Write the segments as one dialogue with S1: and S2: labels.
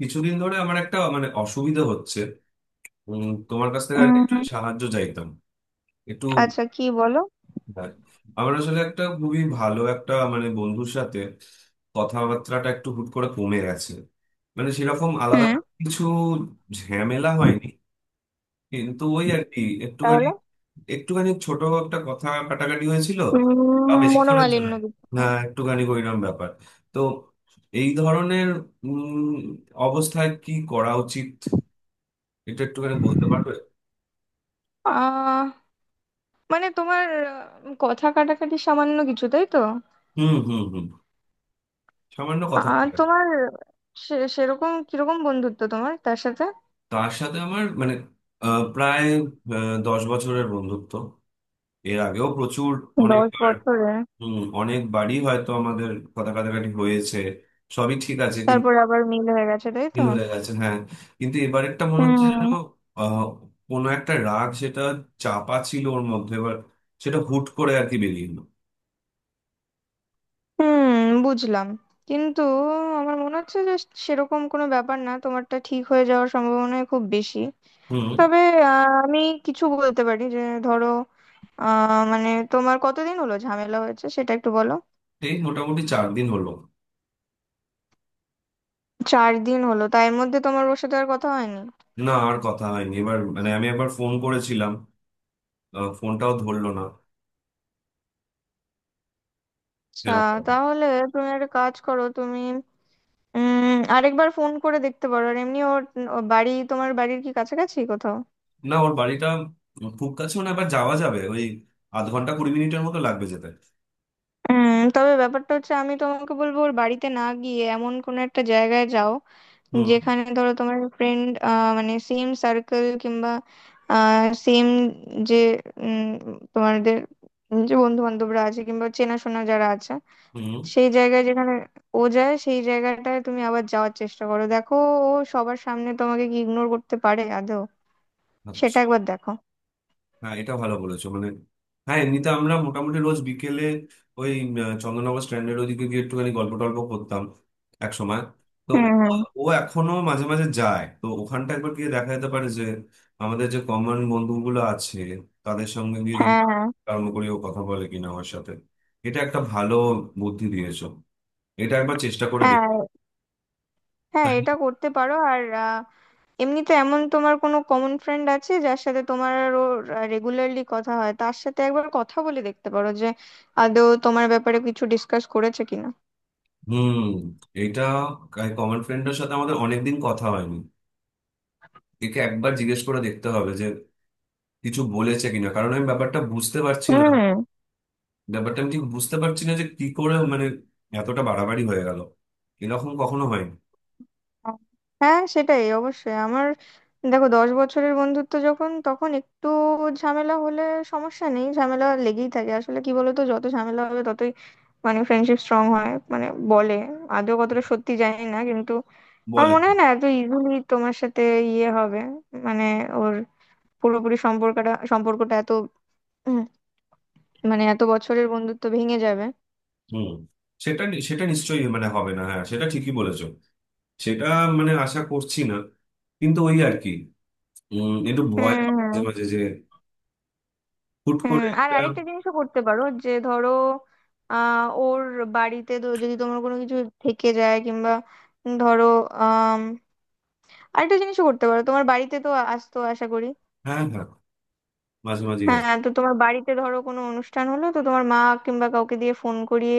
S1: কিছুদিন ধরে আমার একটা মানে অসুবিধা হচ্ছে। তোমার কাছ থেকে আর কি
S2: উম
S1: একটু সাহায্য চাইতাম, একটু।
S2: আচ্ছা, কি বলো?
S1: হ্যাঁ, আমার আসলে একটা খুবই ভালো একটা মানে বন্ধুর সাথে কথাবার্তাটা একটু হুট করে কমে গেছে। মানে সেরকম আলাদা
S2: হুম।
S1: করে কিছু ঝামেলা হয়নি, কিন্তু ওই আর কি একটুখানি,
S2: তাহলে,
S1: একটুখানি ছোট একটা কথা কাটাকাটি হয়েছিল। তাও বেশিক্ষণের জন্য।
S2: মনোমালিন্য কিছু?
S1: হ্যাঁ, একটুখানি ওইরকম ব্যাপার। তো এই ধরনের উম, অবস্থায় কি করা উচিত এটা একটুখানি বলতে পারবে?
S2: আহ মানে তোমার, কথা কাটাকাটি সামান্য কিছু, তাই তো?
S1: হুম হুম হুম, সামান্য কথা বলেন।
S2: তোমার সেরকম কিরকম বন্ধুত্ব তোমার তার সাথে?
S1: তার সাথে আমার মানে প্রায় 10 বছরের বন্ধুত্ব। এর আগেও প্রচুর,
S2: দশ
S1: অনেকবার।
S2: বছরে
S1: হুম, অনেকবারই হয়তো আমাদের কথা কাটাকাটি হয়েছে, সবই ঠিক আছে
S2: তারপর
S1: কিন্তু
S2: আবার মিল হয়ে গেছে, তাই তো?
S1: ভুল হয়ে গেছে, হ্যাঁ। কিন্তু এবার একটা মনে হচ্ছে
S2: হুম,
S1: যেন আহ, কোনো একটা রাগ, সেটা চাপা ছিল ওর মধ্যে, এবার সেটা হুট করে আর কি বেরিয়ে এলো।
S2: হুম, বুঝলাম। কিন্তু আমার মনে হচ্ছে যে সেরকম কোনো ব্যাপার না, তোমারটা ঠিক হয়ে যাওয়ার সম্ভাবনা খুব বেশি।
S1: হুম।
S2: তবে, আমি কিছু বলতে পারি যে, ধরো, মানে তোমার কতদিন হলো ঝামেলা হয়েছে সেটা একটু বলো।
S1: এই মোটামুটি 4 দিন হলো।
S2: 4 দিন হলো? তাই এর মধ্যে তোমার ওর সাথে আর কথা হয়নি?
S1: না, আর কথা হয়নি, এবার মানে আমি একবার ফোন করেছিলাম, ফোনটাও ধরলো না,
S2: আচ্ছা।
S1: এরকম।
S2: তাহলে তুমি একটা কাজ করো, তুমি আরেকবার ফোন করে দেখতে পারো। আর এমনি ওর, ওর বাড়ি তোমার বাড়ির কি কাছাকাছি কোথাও?
S1: না, ওর বাড়িটা খুব কাছেও না, এবার যাওয়া যাবে, ওই আধ ঘন্টা 20 মিনিটের মতো লাগবে যেতে।
S2: তবে ব্যাপারটা হচ্ছে, আমি তোমাকে বলবো ওর বাড়িতে না গিয়ে এমন কোনো একটা জায়গায় যাও,
S1: হুম
S2: যেখানে ধরো তোমার ফ্রেন্ড, মানে সেম সার্কেল কিংবা সেম, যে উম, তোমাদের যে বন্ধু বান্ধবরা আছে কিংবা চেনাশোনা যারা আছে,
S1: হুম।
S2: সেই জায়গায়, যেখানে ও যায়, সেই জায়গাটায় তুমি আবার যাওয়ার চেষ্টা করো। দেখো, ও সবার সামনে তোমাকে কি ইগনোর করতে পারে আদৌ। সেটা
S1: আচ্ছা।
S2: একবার দেখো।
S1: হ্যাঁ এটা ভালো বলেছো মানে, হ্যাঁ এমনিতে আমরা মোটামুটি রোজ বিকেলে ওই চন্দননগর স্ট্যান্ডের ওদিকে গিয়ে একটুখানি গল্প টল্প করতাম এক সময়। তো
S2: হুম,
S1: ও,
S2: হুম।
S1: ও এখনো মাঝে মাঝে যায় তো ওখানটা একবার গিয়ে দেখা যেতে পারে যে আমাদের যে কমন বন্ধুগুলো আছে তাদের সঙ্গে গিয়ে যদি
S2: হ্যাঁ, হ্যাঁ,
S1: কর্ম করি, ও কথা বলে কিনা আমার সাথে। এটা একটা ভালো বুদ্ধি দিয়েছো। এটা একবার চেষ্টা করে দেখ।
S2: হ্যাঁ, হ্যাঁ,
S1: তাই না?
S2: এটা করতে পারো। আর, এমনিতে এমন তোমার কোনো কমন ফ্রেন্ড আছে যার সাথে তোমার আর ওর রেগুলারলি কথা হয়, তার সাথে একবার কথা বলে দেখতে পারো যে আদৌ তোমার ব্যাপারে কিছু ডিসকাস করেছে কিনা।
S1: হুম। এটা কমন ফ্রেন্ডের সাথে আমাদের অনেকদিন কথা হয়নি। একে একবার জিজ্ঞেস করে দেখতে হবে কিছু বলেছে কিনা, কারণ আমি ব্যাপারটা বুঝতে পারছি না। ব্যাপারটা আমি ঠিক বুঝতে পারছি না যে কি করে মানে এতটা বাড়াবাড়ি হয়ে গেল। এরকম কখনো হয়নি।
S2: হ্যাঁ, সেটাই। অবশ্যই আমার, দেখো 10 বছরের বন্ধুত্ব যখন, তখন একটু ঝামেলা হলে সমস্যা নেই, ঝামেলা লেগেই থাকে। আসলে কি বলতো, যত ঝামেলা হবে ততই মানে ফ্রেন্ডশিপ স্ট্রং হয়, মানে বলে। আদৌ কতটা সত্যি জানি না, কিন্তু আমার
S1: বলেন।
S2: মনে হয় না এত ইজিলি তোমার সাথে ইয়ে হবে, মানে ওর পুরোপুরি সম্পর্কটা সম্পর্কটা এত, উম, মানে এত বছরের বন্ধুত্ব ভেঙে যাবে।
S1: হুম। সেটা নিশ্চয়ই মানে হবে না, হ্যাঁ সেটা ঠিকই বলেছো। সেটা মানে আশা করছি না, কিন্তু ওই আর কি একটু ভয়
S2: হুম,
S1: পাই
S2: হুম,
S1: মাঝে মাঝে যে হুট
S2: হুম।
S1: করে
S2: আর
S1: একটা।
S2: আরেকটা জিনিসও করতে পারো, যে ধরো ওর বাড়িতে তো যদি তোমার কোনো কিছু থেকে যায় কিংবা ধরো, আম, আরেকটা জিনিসও করতে পারো, তোমার বাড়িতে তো আসতো আশা করি।
S1: হ্যাঁ হ্যাঁ, মাঝে মাঝে
S2: হ্যাঁ,
S1: আসে।
S2: তো তোমার বাড়িতে ধরো কোনো অনুষ্ঠান হলো, তো তোমার মা কিংবা কাউকে দিয়ে ফোন করিয়ে,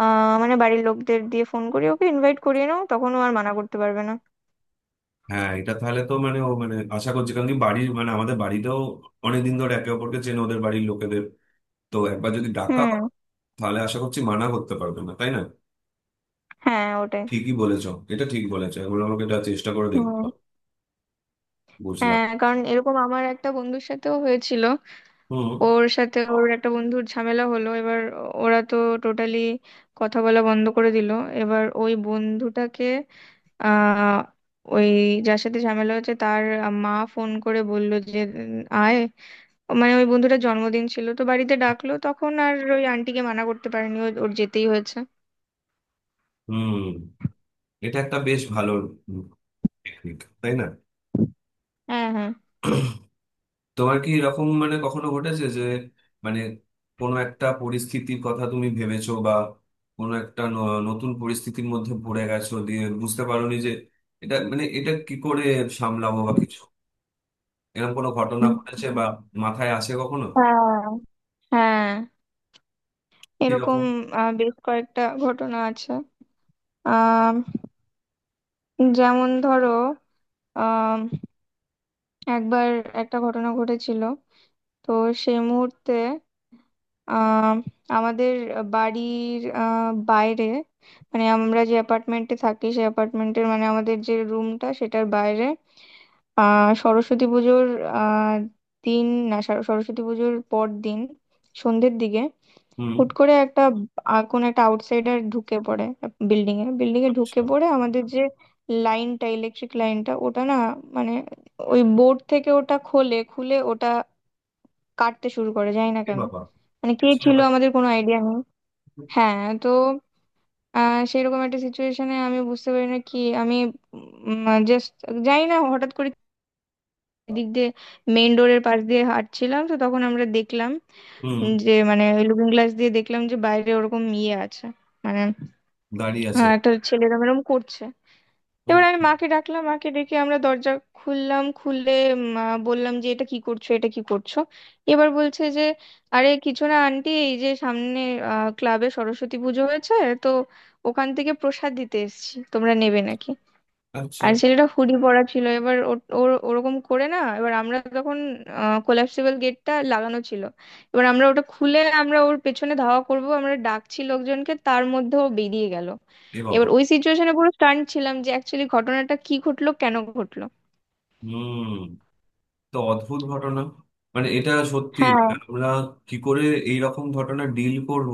S2: মানে বাড়ির লোকদের দিয়ে ফোন করিয়ে ওকে ইনভাইট করিয়ে নাও, তখন ও আর মানা করতে পারবে না।
S1: হ্যাঁ এটা তাহলে তো মানে ও মানে আশা করছি, কারণ কি বাড়ির মানে আমাদের বাড়িতেও অনেকদিন ধরে একে অপরকে চেনে ওদের বাড়ির লোকেদের, তো একবার যদি ডাকা
S2: হুম।
S1: হয় তাহলে আশা করছি মানা করতে পারবে না, তাই না?
S2: হ্যাঁ, ওটাই।
S1: ঠিকই বলেছো, এটা ঠিক বলেছো, এখন আমাকে এটা চেষ্টা করে দেখতে
S2: হুম।
S1: হবে। বুঝলাম।
S2: হ্যাঁ, কারণ এরকম আমার একটা বন্ধুর সাথেও হয়েছিল।
S1: হুম
S2: ওর সাথে ওর একটা বন্ধুর ঝামেলা হলো। এবার ওরা তো টোটালি কথা বলা বন্ধ করে দিল। এবার ওই বন্ধুটাকে, আহ ওই যার সাথে ঝামেলা হয়েছে তার মা ফোন করে বললো যে, আয়, মানে ওই বন্ধুটার জন্মদিন ছিল তো বাড়িতে ডাকলো, তখন আর ওই আন্টিকে মানা করতে পারেনি, ওর যেতেই হয়েছে।
S1: হুম। এটা একটা বেশ ভালো টেকনিক, তাই না?
S2: হ্যাঁ, হ্যাঁ।
S1: তোমার কি এরকম মানে কখনো ঘটেছে যে, মানে কোনো একটা পরিস্থিতির কথা তুমি ভেবেছো বা কোনো একটা নতুন পরিস্থিতির মধ্যে পড়ে গেছো দিয়ে বুঝতে পারোনি যে এটা মানে এটা কি করে সামলাবো বা কিছু, এরকম কোনো ঘটনা
S2: হুম।
S1: ঘটেছে বা মাথায় আসে কখনো?
S2: হ্যাঁ, হ্যাঁ এরকম
S1: কিরকম?
S2: বেশ কয়েকটা ঘটনা আছে। আহ যেমন ধরো, একবার একটা ঘটনা ঘটেছিল। তো সেই মুহূর্তে, আহ, আমাদের বাড়ির বাইরে, মানে আমরা যে অ্যাপার্টমেন্টে থাকি সেই অ্যাপার্টমেন্টের, মানে আমাদের যে রুমটা সেটার বাইরে, সরস্বতী পুজোর আহ, দিন, না সরস্বতী পুজোর পর দিন সন্ধ্যের দিকে
S1: হুম।
S2: হুট করে একটা, কোনো একটা আউটসাইডার ঢুকে পড়ে, বিল্ডিং এ ঢুকে
S1: আচ্ছা।
S2: পড়ে আমাদের যে লাইনটা, ইলেকট্রিক লাইনটা, ওটা না মানে ওই বোর্ড থেকে ওটা খোলে, খুলে ওটা কাটতে শুরু করে, জানি না
S1: এ
S2: কেন।
S1: বাবা।
S2: মানে কে
S1: সে
S2: ছিল
S1: আবার।
S2: আমাদের কোনো আইডিয়া নেই।
S1: হুম।
S2: হ্যাঁ, তো সেরকম একটা সিচুয়েশনে আমি বুঝতে পারি না কি, আমি জাস্ট জানি না। হঠাৎ করে দিক দিয়ে, মেইন ডোরের পাশ দিয়ে হাঁটছিলাম, তো তখন আমরা দেখলাম যে, মানে লুকিং গ্লাস দিয়ে দেখলাম যে বাইরে ওরকম ইয়ে আছে মানে,
S1: দাঁড়িয়ে আছে।
S2: হ্যাঁ, একটা ছেলে এরম এরম করছে। এবার আমি
S1: Okay.
S2: মাকে ডাকলাম, মাকে ডেকে আমরা দরজা খুললাম, খুলে মা, বললাম যে এটা কি করছো, এটা কি করছো? এবার বলছে যে, আরে কিছু না আন্টি, এই যে সামনে ক্লাবে সরস্বতী পুজো হয়েছে, তো ওখান থেকে প্রসাদ দিতে এসেছি, তোমরা নেবে নাকি?
S1: আচ্ছা।
S2: আর ছেলেটা হুডি পরা ছিল, এবার ওর ওর ওরকম করে না। এবার আমরা তখন, কোলাপসিবল গেটটা লাগানো ছিল, এবার আমরা ওটা খুলে আমরা ওর পেছনে ধাওয়া করব, আমরা ডাকছি লোকজনকে, তার মধ্যে ও বেরিয়ে গেল।
S1: এ বাবা।
S2: এবার ওই সিচুয়েশনে পুরো স্টান্ট ছিলাম যে অ্যাকচুয়ালি ঘটনাটা কি ঘটলো, কেন ঘটলো।
S1: হুম। তো অদ্ভুত ঘটনা, মানে এটা সত্যি
S2: হ্যাঁ,
S1: মানে আমরা কি করে এই রকম ঘটনা ডিল করব,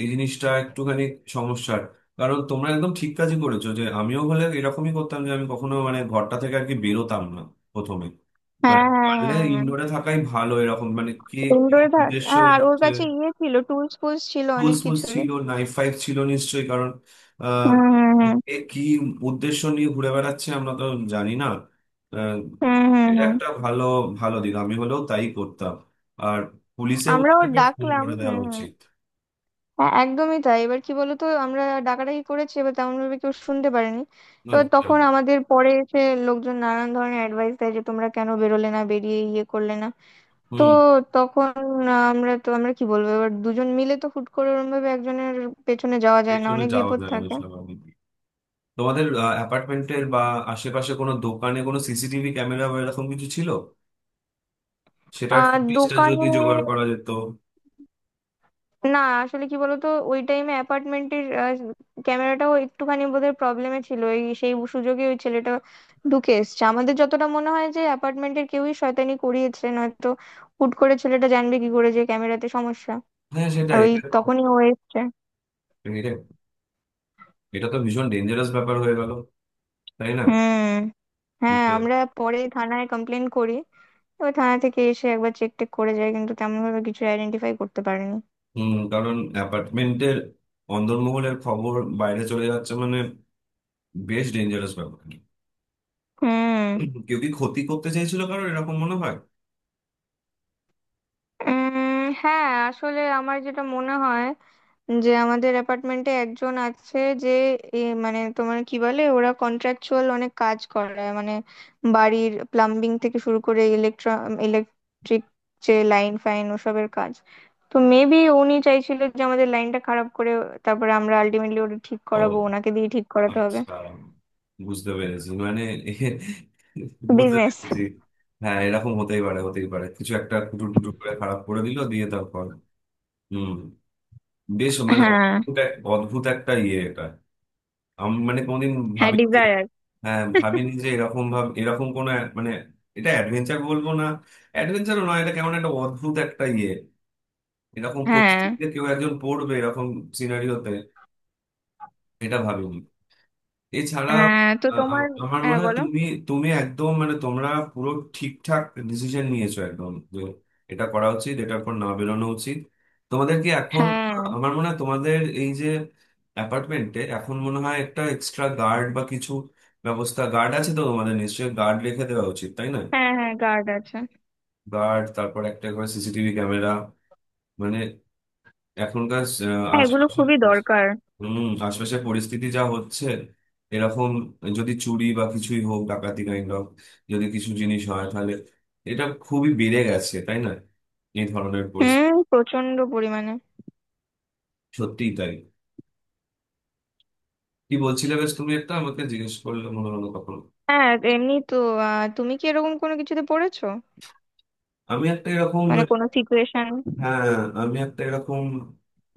S1: এই জিনিসটা একটুখানি সমস্যার। কারণ তোমরা একদম ঠিক কাজই করেছো, যে আমিও হলে এরকমই করতাম যে আমি কখনো মানে ঘরটা থেকে আর কি বেরোতাম না প্রথমে, মানে
S2: হ্যাঁ, হ্যাঁ,
S1: পারলে
S2: হ্যাঁ, হ্যাঁ।
S1: ইনডোরে থাকাই ভালো। এরকম মানে কে কি
S2: ইনডোরে থাক,
S1: উদ্দেশ্য।
S2: হ্যাঁ। আর ওর কাছে ইয়ে ছিল, টুলস ফুলস ছিল অনেক
S1: টুলস ফুলস
S2: কিছুই।
S1: ছিল, নাইফ ফাইভ ছিল নিশ্চয়ই, কারণ আহ,
S2: হুম, হুম,
S1: এ কি উদ্দেশ্য নিয়ে ঘুরে বেড়াচ্ছে, আমরা তো জানি না। আহ,
S2: হুম, হুম, হুম,
S1: এটা
S2: হুম।
S1: একটা ভালো, ভালো দিক, আমি হলেও তাই করতাম। আর পুলিশে
S2: আমরাও
S1: ওদেরকে ফোন
S2: ডাকলাম।
S1: করে দেওয়া
S2: হুম, হুম।
S1: উচিত।
S2: হ্যাঁ, একদমই তাই। এবার কি বলতো, আমরা ডাকাডাকি করেছি, এবার তেমন ভাবে কেউ শুনতে পারেনি। এবার
S1: আচ্ছা।
S2: তখন আমাদের পরে এসে লোকজন নানান ধরনের অ্যাডভাইস দেয় যে তোমরা কেন বেরোলে না, বেরিয়ে ইয়ে করলে না। তো
S1: হুম।
S2: তখন, আমরা তো আমরা কি বলবো, এবার দুজন মিলে তো হুট করে ওরম ভাবে একজনের পেছনে যাওয়া যায় না,
S1: পেছনে
S2: অনেক
S1: যাওয়া
S2: বিপদ
S1: যায় না,
S2: থাকে।
S1: স্বাভাবিক। তোমাদের অ্যাপার্টমেন্টের বা আশেপাশে কোনো দোকানে কোনো সিসিটিভি ক্যামেরা বা এরকম কিছু ছিল? সেটার
S2: আর
S1: ফুটেজটা
S2: দোকানে,
S1: যদি জোগাড় করা যেত।
S2: না আসলে কি বলতো, ওই টাইমে অ্যাপার্টমেন্টের ক্যামেরাটাও একটুখানি বোধহয় প্রবলেমে ছিল, এই সেই সুযোগে ওই ছেলেটা ঢুকে এসছে। আমাদের যতটা মনে হয় যে অ্যাপার্টমেন্টের কেউই শয়তানি করিয়েছে, নয়তো হুট করে ছেলেটা জানবে কি করে যে ক্যামেরাতে সমস্যা।
S1: হ্যাঁ
S2: আর
S1: সেটাই,
S2: ওই
S1: এটা তো,
S2: তখনই ও এসছে।
S1: এটা এটা তো ভীষণ ডেঞ্জারাস ব্যাপার হয়ে গেল, তাই না।
S2: হুম। হ্যাঁ,
S1: মানে,
S2: আমরা পরে থানায় কমপ্লেন করি। ওই থানা থেকে এসে একবার চেক টেক করে যায় কিন্তু তেমন ভাবে কিছু আইডেন্টিফাই করতে পারেনি।
S1: হুম। কারণ অ্যাপার্টমেন্টের অন্দরমহলের খবর বাইরে চলে যাচ্ছে, মানে বেশ ডেঞ্জারাস ব্যাপার।
S2: হুম।
S1: কেউ কি ক্ষতি করতে চাইছিল, কারণ এরকম মনে হয়।
S2: হ্যাঁ, আসলে আমার যেটা মনে হয়, যে আমাদের অ্যাপার্টমেন্টে একজন আছে যে এ, মানে তোমার কি বলে, ওরা কন্ট্রাকচুয়াল অনেক কাজ করায়, মানে বাড়ির প্লাম্বিং থেকে শুরু করে ইলেকট্রা, ইলেকট্রিক, যে লাইন ফাইন ওসবের কাজ। তো মেবি উনি চাইছিল যে আমাদের লাইনটা খারাপ করে, তারপরে আমরা আলটিমেটলি ওটা ঠিক
S1: ও
S2: করাবো, ওনাকে দিয়ে ঠিক করাতে হবে।
S1: আচ্ছা, বুঝতে পেরেছি মানে এ- বুঝতে
S2: বিজনেস।
S1: পেরেছি। হ্যাঁ এরকম হতেই পারে, হতেই পারে কিছু একটা কুটুর কুটুর করে খারাপ করে দিল দিয়ে তারপর, হুম। বেশ মানে
S2: হ্যাঁ,
S1: অদ্ভুত অদ্ভুত একটা ইয়ে এটা। আমি মানে কোনোদিন
S2: হ্যাঁ।
S1: ভাবি যে,
S2: ডিজায়ার।
S1: হ্যাঁ ভাবিনি যে এরকম এরকম কোনো মানে এটা অ্যাডভেঞ্চার বলবো না, অ্যাডভেঞ্চারও নয়, এটা কেমন একটা অদ্ভুত একটা ইয়ে। এরকম
S2: হ্যাঁ,
S1: পরিস্থিতিতে কেউ একজন পড়বে, এরকম সিনারিওতে এটা ভাবিনি। এছাড়া
S2: হ্যাঁ, তো
S1: আ- আ-
S2: তোমার।
S1: আমার
S2: হ্যাঁ,
S1: মনে হয়
S2: বলো।
S1: তুমি, তুমি একদম মানে তোমরা পুরো ঠিকঠাক ডিসিশন নিয়েছো, একদম যে এটা করা উচিত, এটার পর না বেরোনো উচিত। তোমাদের কি এখন আ,
S2: হ্যাঁ,
S1: আমার মনে হয় তোমাদের এই যে অ্যাপার্টমেন্টে এখন মনে হয় একটা এক্সট্রা গার্ড বা কিছু ব্যবস্থা। গার্ড আছে তো, তোমাদের নিশ্চয়ই গার্ড রেখে দেওয়া উচিত, তাই না?
S2: হ্যাঁ, হ্যাঁ গার্ড আছে।
S1: গার্ড, তারপর একটা করে সিসিটিভি ক্যামেরা, মানে এখনকার আ,
S2: হ্যাঁ, এগুলো
S1: আশপাশে,
S2: খুবই দরকার।
S1: হম, আশপাশের পরিস্থিতি যা হচ্ছে, এরকম যদি চুরি বা কিছুই হোক, ডাকাতি কাইন্ড অফ, যদি কিছু জিনিস হয় তাহলে এটা খুবই বেড়ে গেছে তাই না, এই ধরনের পরিস্থিতি।
S2: হুম, প্রচন্ড পরিমাণে।
S1: সত্যিই তাই। কি বলছিলে বেশ, তুমি একটা আমাকে জিজ্ঞেস করলে মনে হলো কখন,
S2: হ্যাঁ, এমনি তো। তুমি কি এরকম কোনো কিছুতে পড়েছো,
S1: আমি একটা এরকম।
S2: মানে কোনো সিচুয়েশন?
S1: হ্যাঁ আমি একটা এরকম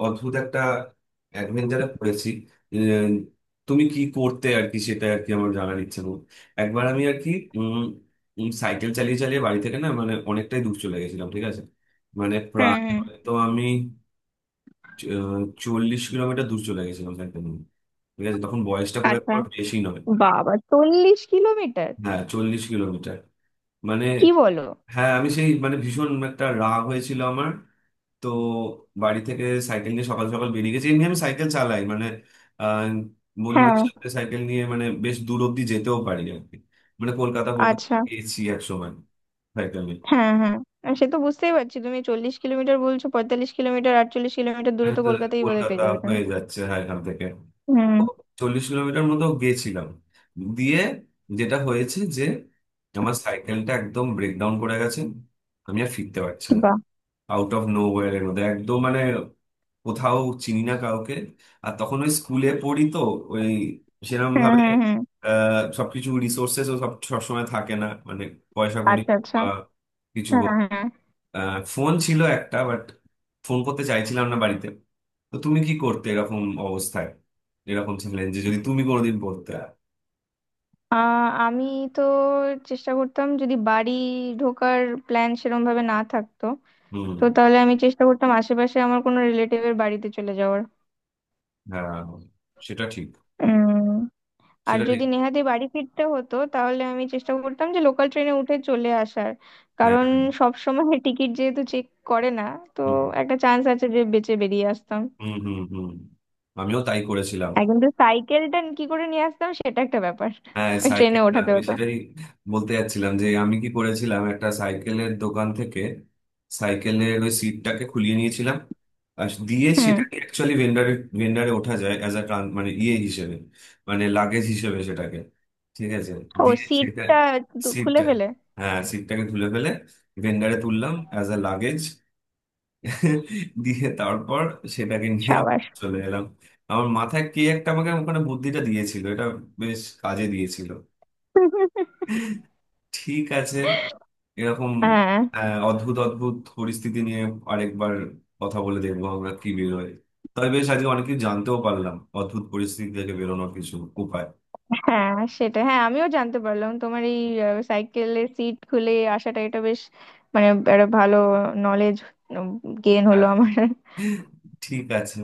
S1: অদ্ভুত একটা অ্যাডভেঞ্চারে পড়েছি। এ, তুমি কি করতে আর কি সেটা আর কি আমার জানার ইচ্ছে করো। একবার আমি আর কি, উম, উম, সাইকেল চালিয়ে চালিয়ে বাড়ি থেকে না মানে অনেকটাই দূর চলে গেছিলাম, ঠিক আছে, মানে
S2: হুম,
S1: প্রায়
S2: হুম।
S1: হয়তো আমি চ- আহ, 40 কিলোমিটার দূর চলে গেছিলাম সাইকেল নিয়ে, ঠিক আছে, তখন বয়সটা খুব একটা
S2: আচ্ছা,
S1: বেশি নয়।
S2: বাবা, 40 কিলোমিটার?
S1: হ্যাঁ, 40 কিলোমিটার। মানে
S2: কি বলো?
S1: হ্যাঁ আমি সেই মানে ভীষণ একটা রাগ হয়েছিল আমার, তো বাড়ি থেকে সাইকেল নিয়ে সকাল সকাল বেরিয়ে গেছি, এমনি আমি সাইকেল চালাই মানে আহ, বন্ধুদের
S2: হ্যাঁ।
S1: সাথে সাইকেল নিয়ে মানে বেশ দূর অব্দি যেতেও পারি আর কি। মানে কলকাতা কলকাতা
S2: আচ্ছা।
S1: গিয়েছি এক সময় সাইকেল নিয়ে।
S2: হ্যাঁ, হ্যাঁ। সে তো বুঝতেই পারছি, তুমি 40 কিলোমিটার বলছো, 45 কিলোমিটার, 48 কিলোমিটার দূরে
S1: আমি
S2: তো
S1: তো
S2: কলকাতায় বোধহয়
S1: কলকাতা
S2: পেয়ে যাবে তুমি।
S1: হয়ে যাচ্ছে, হ্যাঁ, এখান থেকে
S2: হুম।
S1: 40 কিলোমিটার মতো গেছিলাম, দিয়ে যেটা হয়েছে যে আমার সাইকেলটা একদম ব্রেকডাউন করে গেছে, আমি আর ফিরতে পারছি না।
S2: বাহ।
S1: আউট অফ নো, এর মধ্যে একদম মানে কোথাও চিনি না কাউকে, আর তখন ওই স্কুলে পড়ি তো, ওই সেরকম
S2: হুম,
S1: ভাবে
S2: হুম, হুম।
S1: সবকিছু রিসোর্সেস সব সবসময় থাকে না, মানে পয়সা কড়ি
S2: আচ্ছা, আচ্ছা।
S1: বা কিছু
S2: হ্যাঁ,
S1: হোক।
S2: হ্যাঁ।
S1: ফোন ছিল একটা বাট ফোন করতে চাইছিলাম না বাড়িতে। তো তুমি কি করতে এরকম অবস্থায়, এরকম ছিলেন, যে যদি তুমি কোনোদিন পড়তে।
S2: আমি তো চেষ্টা করতাম, যদি বাড়ি ঢোকার প্ল্যান সেরকম ভাবে না থাকতো,
S1: হুম।
S2: তো তাহলে আমি চেষ্টা করতাম আশেপাশে আমার কোনো রিলেটিভের বাড়িতে চলে যাওয়ার।
S1: হ্যাঁ সেটা ঠিক,
S2: উম, আর
S1: সেটা ঠিক,
S2: যদি নেহাতি বাড়ি ফিরতে হতো তাহলে আমি চেষ্টা করতাম যে লোকাল ট্রেনে উঠে চলে আসার,
S1: হ্যাঁ
S2: কারণ
S1: হ্যাঁ।
S2: সব সময় টিকিট যেহেতু চেক করে না, তো
S1: হুম
S2: একটা চান্স আছে যে বেঁচে বেরিয়ে আসতাম।
S1: হুম হুম হুম। আমিও তাই করেছিলাম।
S2: আর কিন্তু সাইকেলটা কি করে নিয়ে আসতাম সেটা একটা ব্যাপার,
S1: হ্যাঁ
S2: ওই ট্রেনে
S1: সাইকেলটা
S2: ওঠাতে
S1: আমি
S2: হতো।
S1: সেটাই বলতে যাচ্ছিলাম যে আমি কি করেছিলাম, একটা সাইকেলের দোকান থেকে সাইকেলের ওই সিটটাকে খুলিয়ে নিয়েছিলাম, আর দিয়ে
S2: হুম।
S1: সেটাকে অ্যাকচুয়ালি ভেন্ডারে, ভেন্ডারে ওঠা যায় অ্যাজ আ মানে ইয়ে হিসেবে মানে লাগেজ হিসেবে সেটাকে, ঠিক আছে,
S2: ও,
S1: দিয়ে সেটা,
S2: সিটটা একটু খুলে
S1: সিটটা,
S2: ফেলে?
S1: হ্যাঁ সিটটাকে তুলে ফেলে ভেন্ডারে তুললাম অ্যাজ আ লাগেজ, দিয়ে তারপর সেটাকে নিয়ে
S2: সাবাস।
S1: চলে এলাম। আমার মাথায় কে একটা আমাকে ওখানে বুদ্ধিটা দিয়েছিল, এটা বেশ কাজে দিয়েছিল। ঠিক আছে। এরকম
S2: হ্যাঁ,
S1: অদ্ভুত অদ্ভুত পরিস্থিতি নিয়ে আরেকবার কথা বলে দেখবো আমরা কি বেরোয়। তবে বেশ আজকে অনেক কিছু জানতেও পারলাম অদ্ভুত পরিস্থিতি থেকে বেরোনোর কিছু উপায়।
S2: হ্যাঁ। সেটা, হ্যাঁ, আমিও জানতে পারলাম তোমার এই সাইকেলে সিট খুলে আসাটা, এটা বেশ মানে একটা ভালো নলেজ গেইন হলো
S1: আর
S2: আমার।
S1: ঠিক আছে।